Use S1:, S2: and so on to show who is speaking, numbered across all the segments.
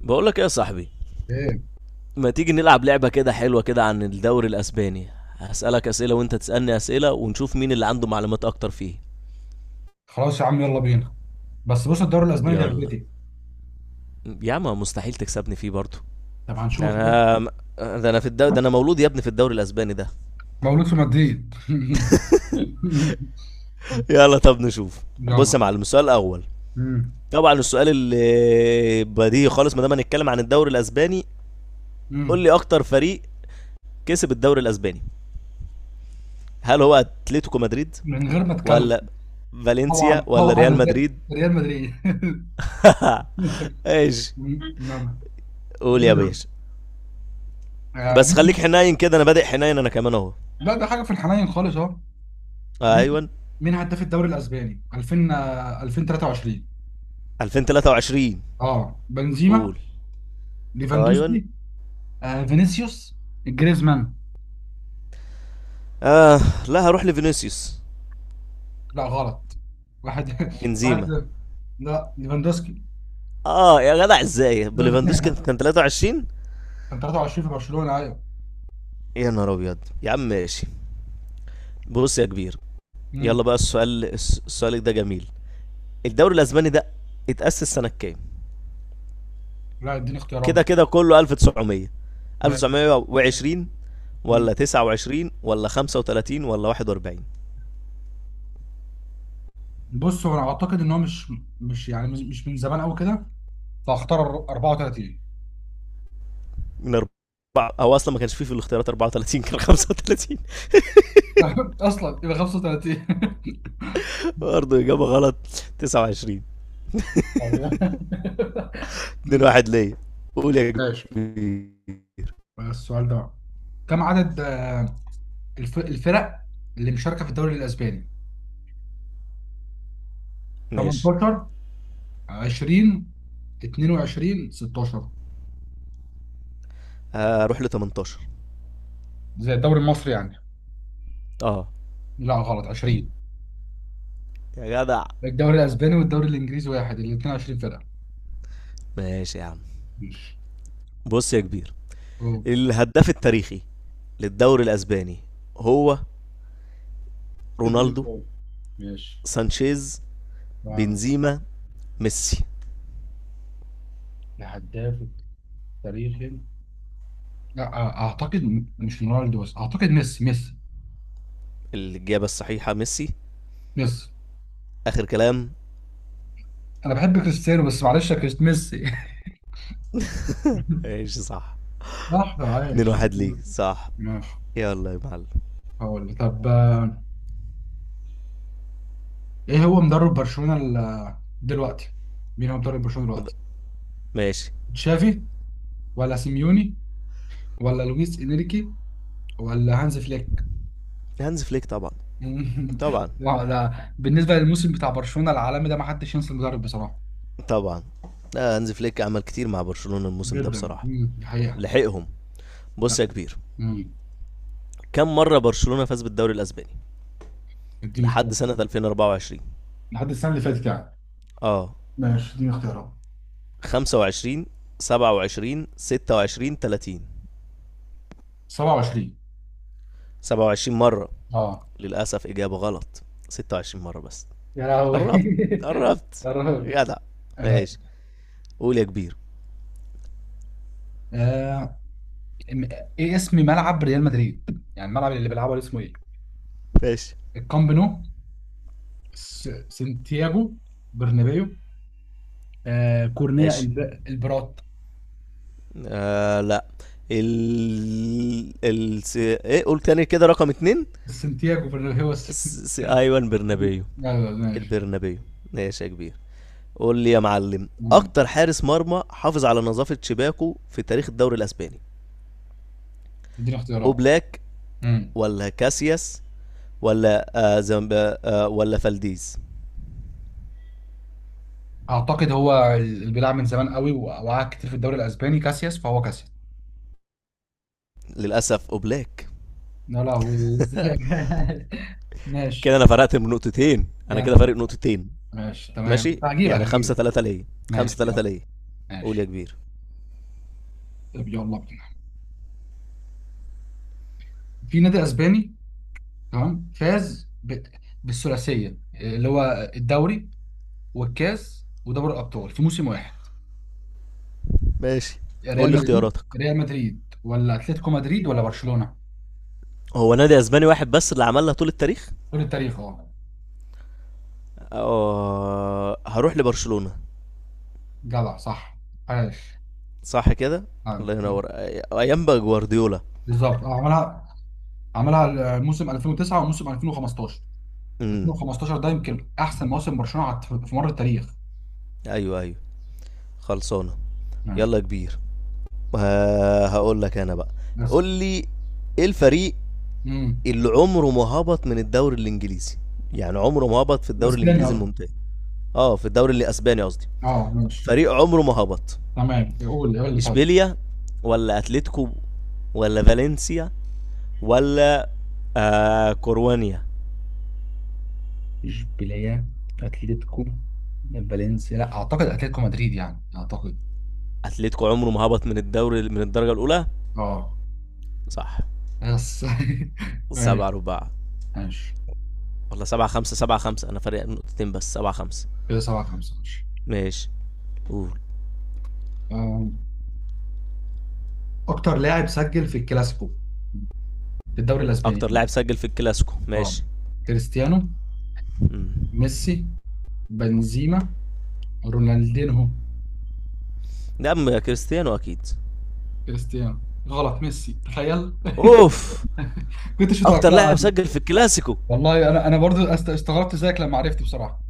S1: بقول لك ايه يا صاحبي؟
S2: ايه،
S1: ما تيجي نلعب لعبة كده حلوة كده عن الدوري الأسباني؟ هسألك أسئلة وأنت تسألني أسئلة ونشوف مين اللي عنده معلومات أكتر فيه.
S2: خلاص يا عم، يلا بينا. بس بص، الدوري الاسباني
S1: يلا
S2: لعبتي.
S1: يا عم مستحيل تكسبني فيه برضه.
S2: طب هنشوف بقى.
S1: أنا، ده أنا في الدوري ده، أنا مولود يا ابني في الدوري الأسباني ده.
S2: مولود في مدريد.
S1: يلا طب نشوف. بص
S2: يلا.
S1: يا معلم، السؤال الأول،
S2: مم.
S1: طبعا السؤال اللي بديهي خالص ما دام هنتكلم عن الدوري الأسباني، قول
S2: مم.
S1: لي أكتر فريق كسب الدوري الأسباني، هل هو أتلتيكو مدريد
S2: من غير ما اتكلم،
S1: ولا فالنسيا
S2: طبعا
S1: ولا ريال
S2: طبعا،
S1: مدريد؟
S2: ريال مدريد.
S1: ايش؟
S2: نعم.
S1: قول يا
S2: دوري-
S1: باشا.
S2: آه،
S1: بس
S2: مين-
S1: خليك حنين كده، انا بادئ حنين انا كمان اهو.
S2: لا، ده حاجه في الحنين خالص اهو. مين
S1: ايوه،
S2: مين هداف الدوري الاسباني 2000 2023؟
S1: 2023.
S2: اه، بنزيما،
S1: قول. ايوه.
S2: ليفاندوسكي، فينيسيوس، جريزمان.
S1: اه لا، هروح لفينيسيوس.
S2: لا غلط. واحد واحد
S1: بنزيما؟
S2: صفر. لا، ليفاندوسكي.
S1: اه يا جدع ازاي؟ بوليفاندوسكي كان 23؟
S2: كان 23 في برشلونة، ايوه.
S1: يا نهار ابيض. يا عم ماشي. بص يا كبير، يلا
S2: امم
S1: بقى السؤال، السؤال ده جميل. الدوري الاسباني ده اتأسس سنة كام؟
S2: لا، اديني اختيارات
S1: كده
S2: بقى.
S1: كده كله 1900،
S2: ماشي.
S1: 1920 ولا
S2: مم.
S1: 29 ولا 35 ولا 41؟
S2: بص، هو انا اعتقد ان هو مش يعني مش من زمان قوي كده، فاختار 34.
S1: من اربعه او اصلا ما كانش فيه في الاختيارات 34، كان 35.
S2: اصلا يبقى 35.
S1: برضه اجابه غلط، 29. 2
S2: مم.
S1: 1 ليا. قول يا
S2: ماشي،
S1: كبير.
S2: السؤال ده بقى. كم عدد الفرق اللي مشاركة في الدوري الاسباني؟
S1: ماشي،
S2: 18، 20، 22، 16،
S1: هروح ل 18.
S2: زي الدوري المصري يعني.
S1: اه
S2: لا غلط، 20.
S1: يا جدع.
S2: الدوري الاسباني والدوري الانجليزي واحد، الاثنين 20 فرقه.
S1: ماشي يا عم.
S2: ماشي.
S1: بص يا كبير،
S2: أوه.
S1: الهداف التاريخي للدوري الاسباني هو
S2: اديني
S1: رونالدو،
S2: سؤال. ماشي،
S1: سانشيز،
S2: تمام.
S1: بنزيما، ميسي؟
S2: الهداف التاريخي. لا اعتقد مش رونالدو، بس اعتقد ميسي، ميسي
S1: الاجابه الصحيحه ميسي،
S2: ميسي
S1: اخر كلام.
S2: انا بحب كريستيانو بس معلش يا كريست، ميسي.
S1: ماشي صح.
S2: صح،
S1: 2
S2: عايش.
S1: 1 ليك صح.
S2: ماشي.
S1: يلا يا معلم.
S2: هقول لك. طب، ايه هو مدرب برشلونة دلوقتي؟ مين هو مدرب برشلونة دلوقتي؟
S1: ماشي.
S2: تشافي، ولا سيميوني، ولا لويس انريكي، ولا هانز فليك.
S1: هانز فليك طبعا. طبعا
S2: لا لا، بالنسبه للموسم بتاع برشلونه العالمي ده ما حدش ينسى المدرب بصراحه.
S1: طبعا. لا هانز فليك عمل كتير مع برشلونة الموسم ده
S2: جدا،
S1: بصراحة،
S2: دي حقيقة.
S1: لحقهم. بص يا
S2: لا.
S1: كبير،
S2: مم.
S1: كم مرة برشلونة فاز بالدوري الأسباني
S2: اديني اختيار.
S1: لحد سنة 2024؟
S2: لحد السنة اللي فاتت يعني.
S1: اه،
S2: ماشي، اديني اختيارات.
S1: 25، 27، 26، 30؟
S2: 27.
S1: 27 مرة.
S2: اه،
S1: للأسف إجابة غلط، 26 مرة بس.
S2: يا لهوي.
S1: قربت. قربت
S2: يا رب.
S1: جدع.
S2: انا
S1: ماشي. قول يا كبير.
S2: آه... م- ايه اسم ملعب ريال مدريد، يعني الملعب اللي بيلعبه ده اسمه ايه؟
S1: ماشي.
S2: الكامب نو، سانتياغو برنابيو، كورنيا،
S1: ماشي.
S2: البرات.
S1: آه لا، ايه، قول تاني كده رقم اتنين.
S2: سانتياغو برنابيو بس.
S1: ايوان
S2: مم،
S1: برنابيو.
S2: لا لا.
S1: البرنابيو. ماشي يا كبير. قول لي يا معلم،
S2: ماشي.
S1: اكتر حارس مرمى حافظ على نظافة شباكه في تاريخ الدوري الاسباني،
S2: اديني اختيارات.
S1: اوبلاك
S2: امم
S1: ولا كاسياس ولا زمب... آه ولا فالديز؟
S2: اعتقد هو اللي بيلعب من زمان قوي وقعد كتير في الدوري الاسباني كاسياس، فهو كاسياس.
S1: للاسف اوبلاك.
S2: لا لا، هو. إزاي؟
S1: كده
S2: ماشي.
S1: انا فرقت من نقطتين، انا
S2: كده انت.
S1: كده فارق نقطتين.
S2: ماشي، تمام،
S1: ماشي
S2: هجيبك
S1: يعني
S2: هجيبك.
S1: خمسة ثلاثة ليا. خمسة
S2: ماشي،
S1: ثلاثة
S2: يلا.
S1: ليا. قول يا
S2: ماشي.
S1: كبير.
S2: طب يلا بينا. في نادي اسباني تمام فاز بالثلاثيه اللي هو الدوري والكاس ودوري الابطال في موسم واحد.
S1: ماشي. قول لي اختياراتك.
S2: ريال مدريد، ولا اتلتيكو مدريد، ولا برشلونه؟
S1: هو نادي اسباني واحد بس اللي عملها طول التاريخ.
S2: قول التاريخ، اه.
S1: هروح لبرشلونة.
S2: جدع، صح، عاش.
S1: صح كده. الله ينور. ايام بقى جوارديولا.
S2: بالظبط، اه، عملها موسم 2009 وموسم 2015.
S1: امم.
S2: ده يمكن احسن موسم برشلونه في مر التاريخ.
S1: ايوه ايوه. خلصانه.
S2: ماشي
S1: يلا يا كبير. هقول لك انا بقى.
S2: بس.
S1: قول لي، ايه الفريق
S2: امم
S1: اللي عمره ما هبط من الدوري الانجليزي؟ يعني عمره ما هبط في الدوري
S2: اسبانيا
S1: الانجليزي
S2: قصدي.
S1: الممتاز. اه في الدوري الاسباني قصدي.
S2: اه، ماشي.
S1: فريق عمره ما هبط،
S2: تمام، قول لي طيب.
S1: اشبيليا ولا اتلتيكو ولا فالنسيا ولا كوروانيا؟
S2: اشبيليه، اتلتيكو، فالنسيا. لا اعتقد اتلتيكو مدريد، يعني اعتقد.
S1: اتلتيكو عمره ما هبط من الدرجه الاولى.
S2: اه،
S1: صح.
S2: بس. ماشي.
S1: سبعة رباع.
S2: ماشي
S1: والله سبعة خمسة. سبعة خمسة، أنا فارق نقطتين بس. سبعة خمسة.
S2: كده، 7 5. ماشي.
S1: ماشي. قول.
S2: آم، اكتر لاعب سجل في الكلاسيكو في الدوري الاسباني
S1: أكتر
S2: مين؟
S1: لاعب سجل في الكلاسيكو؟
S2: اه،
S1: ماشي.
S2: كريستيانو،
S1: مم.
S2: ميسي، بنزيما، رونالدينهو.
S1: ده أم كريستيانو أكيد.
S2: كريستيانو. غلط، ميسي، تخيل.
S1: أوف.
S2: كنتش
S1: أكتر
S2: متوقعها
S1: لاعب
S2: دي.
S1: سجل في الكلاسيكو.
S2: والله انا برضو استغربت زيك لما عرفت بصراحه.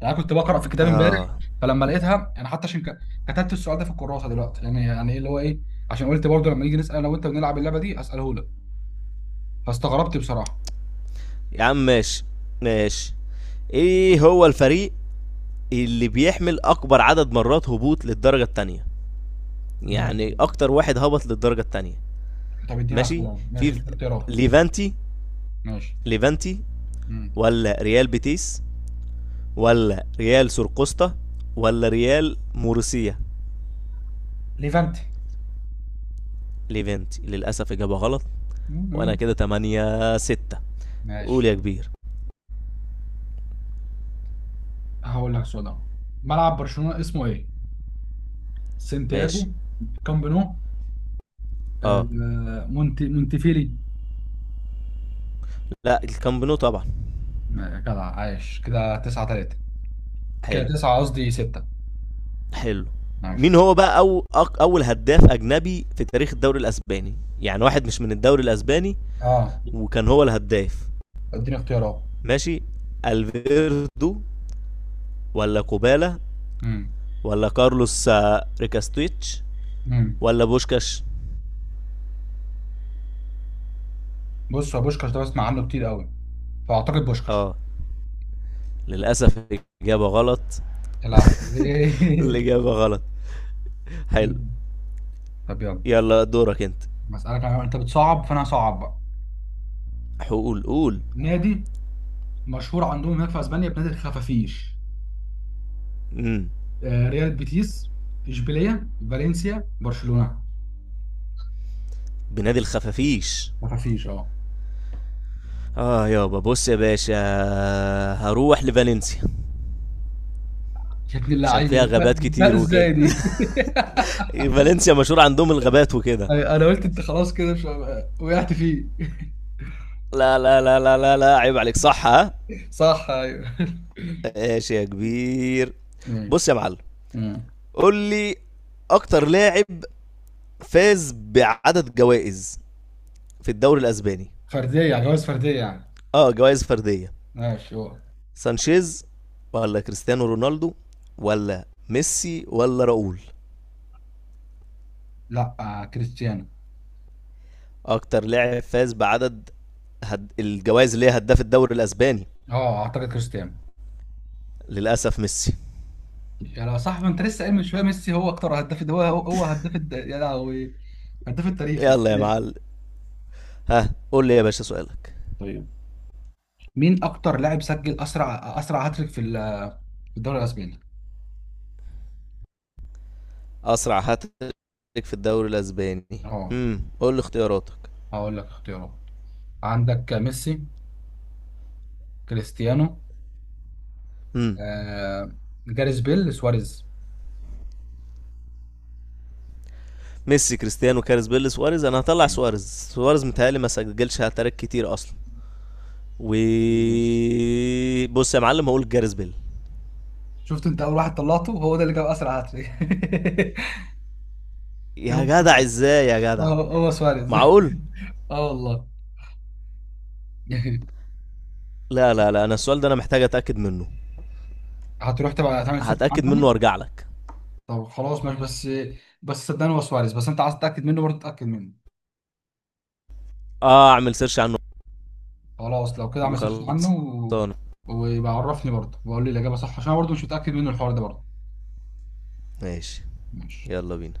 S2: يعني أنا كنت بقرا في كتاب امبارح،
S1: آه.
S2: فلما لقيتها انا حتى عشان كتبت السؤال ده في الكراسه دلوقتي، يعني ايه اللي هو ايه، عشان قلت برضو لما نيجي نسال انا وانت بنلعب اللعبه دي اساله لك. فاستغربت بصراحه.
S1: يا عم ماشي. ماشي. إيه هو الفريق اللي بيحمل أكبر عدد مرات هبوط للدرجة التانية؟ يعني
S2: ماشي.
S1: أكتر واحد هبط للدرجة التانية.
S2: طب اديني
S1: ماشي.
S2: اسئله. ماشي،
S1: في
S2: اديني اختيارات.
S1: ليفانتي،
S2: ماشي.
S1: ليفانتي
S2: مم.
S1: ولا ريال بيتيس ولا ريال سرقسطة ولا ريال مورسية؟
S2: ليفانتي.
S1: ليفانتي للأسف إجابة غلط. وأنا
S2: مم.
S1: كده تمانية ستة. قول
S2: ماشي،
S1: يا كبير.
S2: هقول لك سؤال أهو. ملعب برشلونه اسمه ايه؟ سانتياجو،
S1: ماشي.
S2: كامب نو،
S1: اه
S2: مونت مونتفيلي.
S1: لا، الكامب نو طبعا.
S2: جدع، عايش. كده 9 3. كده
S1: حلو.
S2: 9، قصدي 6.
S1: حلو.
S2: عايش.
S1: مين هو بقى أول هداف أجنبي في تاريخ الدوري الأسباني؟ يعني واحد مش من الدوري الأسباني
S2: اه،
S1: وكان هو الهداف.
S2: اديني اختيارات.
S1: ماشي. الفيردو ولا كوبالا
S2: امم
S1: ولا كارلوس، ريكاستويتش
S2: امم
S1: ولا بوشكاش؟
S2: بص، هو بوشكاش ده بسمع عنه كتير قوي، فاعتقد بوشكاش.
S1: اه للاسف الاجابه غلط.
S2: يا لهوي.
S1: الاجابه غلط. حلو.
S2: طب يلا.
S1: يلا دورك انت.
S2: بسألك انت بتصعب فانا هصعب بقى.
S1: حقول، قول.
S2: نادي مشهور عندهم هناك في اسبانيا بنادي الخفافيش.
S1: امم.
S2: ريال بيتيس، اشبيليه، فالنسيا، برشلونه.
S1: بنادي الخفافيش.
S2: خفافيش، اه.
S1: اه يابا. بص يا باشا، هروح لفالنسيا
S2: شكل
S1: عشان
S2: اللعيبه
S1: فيها
S2: جبتها
S1: غابات
S2: جبتها
S1: كتير
S2: ازاي
S1: وكده.
S2: دي؟
S1: فالنسيا مشهور عندهم الغابات وكده.
S2: أيوة، انا قلت انت خلاص كده مش وقعت فيه.
S1: لا لا لا لا لا لا، عيب عليك. صح؟ ها.
S2: صح، ايوه.
S1: ماشي يا كبير. بص
S2: ماشي.
S1: يا معلم،
S2: مم.
S1: قول لي اكتر لاعب فاز بعدد جوائز في الدوري الاسباني.
S2: فرديه يعني، جواز فرديه يعني.
S1: اه جوائز فرديه.
S2: ماشي، هو.
S1: سانشيز ولا كريستيانو رونالدو ولا ميسي ولا راؤول؟
S2: لا، كريستيانو.
S1: اكتر لاعب فاز بعدد الجوائز اللي هي هداف الدوري الاسباني.
S2: اه، اعتقد كريستيانو.
S1: للاسف ميسي.
S2: يا لو صح! ما انت لسه قايل من شويه ميسي هو اكتر هداف، ده هو هداف يا لهوي، هداف التاريخي،
S1: يلا يا
S2: ماشي.
S1: معلم. ها قول لي يا باشا سؤالك.
S2: طيب، مين اكتر لاعب سجل اسرع هاتريك في في الدوري الاسباني؟
S1: اسرع هاتريك في الدوري الاسباني.
S2: اه.
S1: امم، قول لي اختياراتك.
S2: هقول لك اختيارات. عندك ميسي، كريستيانو،
S1: امم.
S2: آه جاريث بيل، سواريز.
S1: ميسي، كريستيانو، كارز بيل، سواريز. انا هطلع
S2: تمام.
S1: سواريز. سواريز متهيألي ما سجلش هاتريك كتير اصلا، و، بص يا معلم، هقول جاريس بيل.
S2: شفت؟ انت اول واحد طلعته هو ده اللي جاب اسرع هاتريك.
S1: يا
S2: هو
S1: جدع ازاي يا جدع؟
S2: هو سواريز.
S1: معقول؟
S2: اه والله.
S1: لا لا لا، انا السؤال ده انا محتاج اتاكد منه.
S2: هتروح تبقى تعمل سيرش عنه
S1: هتاكد منه
S2: يعني؟
S1: وارجع لك.
S2: طب خلاص، ماشي. بس صدقني، هو سواريز، بس انت عايز تتاكد منه برضه، اتاكد منه.
S1: اه، اعمل سيرش عنه.
S2: خلاص، لو كده اعمل سيرش عنه و...
S1: خلصانه.
S2: ويبقى عرفني برضه وقول لي الاجابه صح، عشان انا برضه مش متاكد منه الحوار ده برضه.
S1: ماشي.
S2: ماشي.
S1: يلا بينا.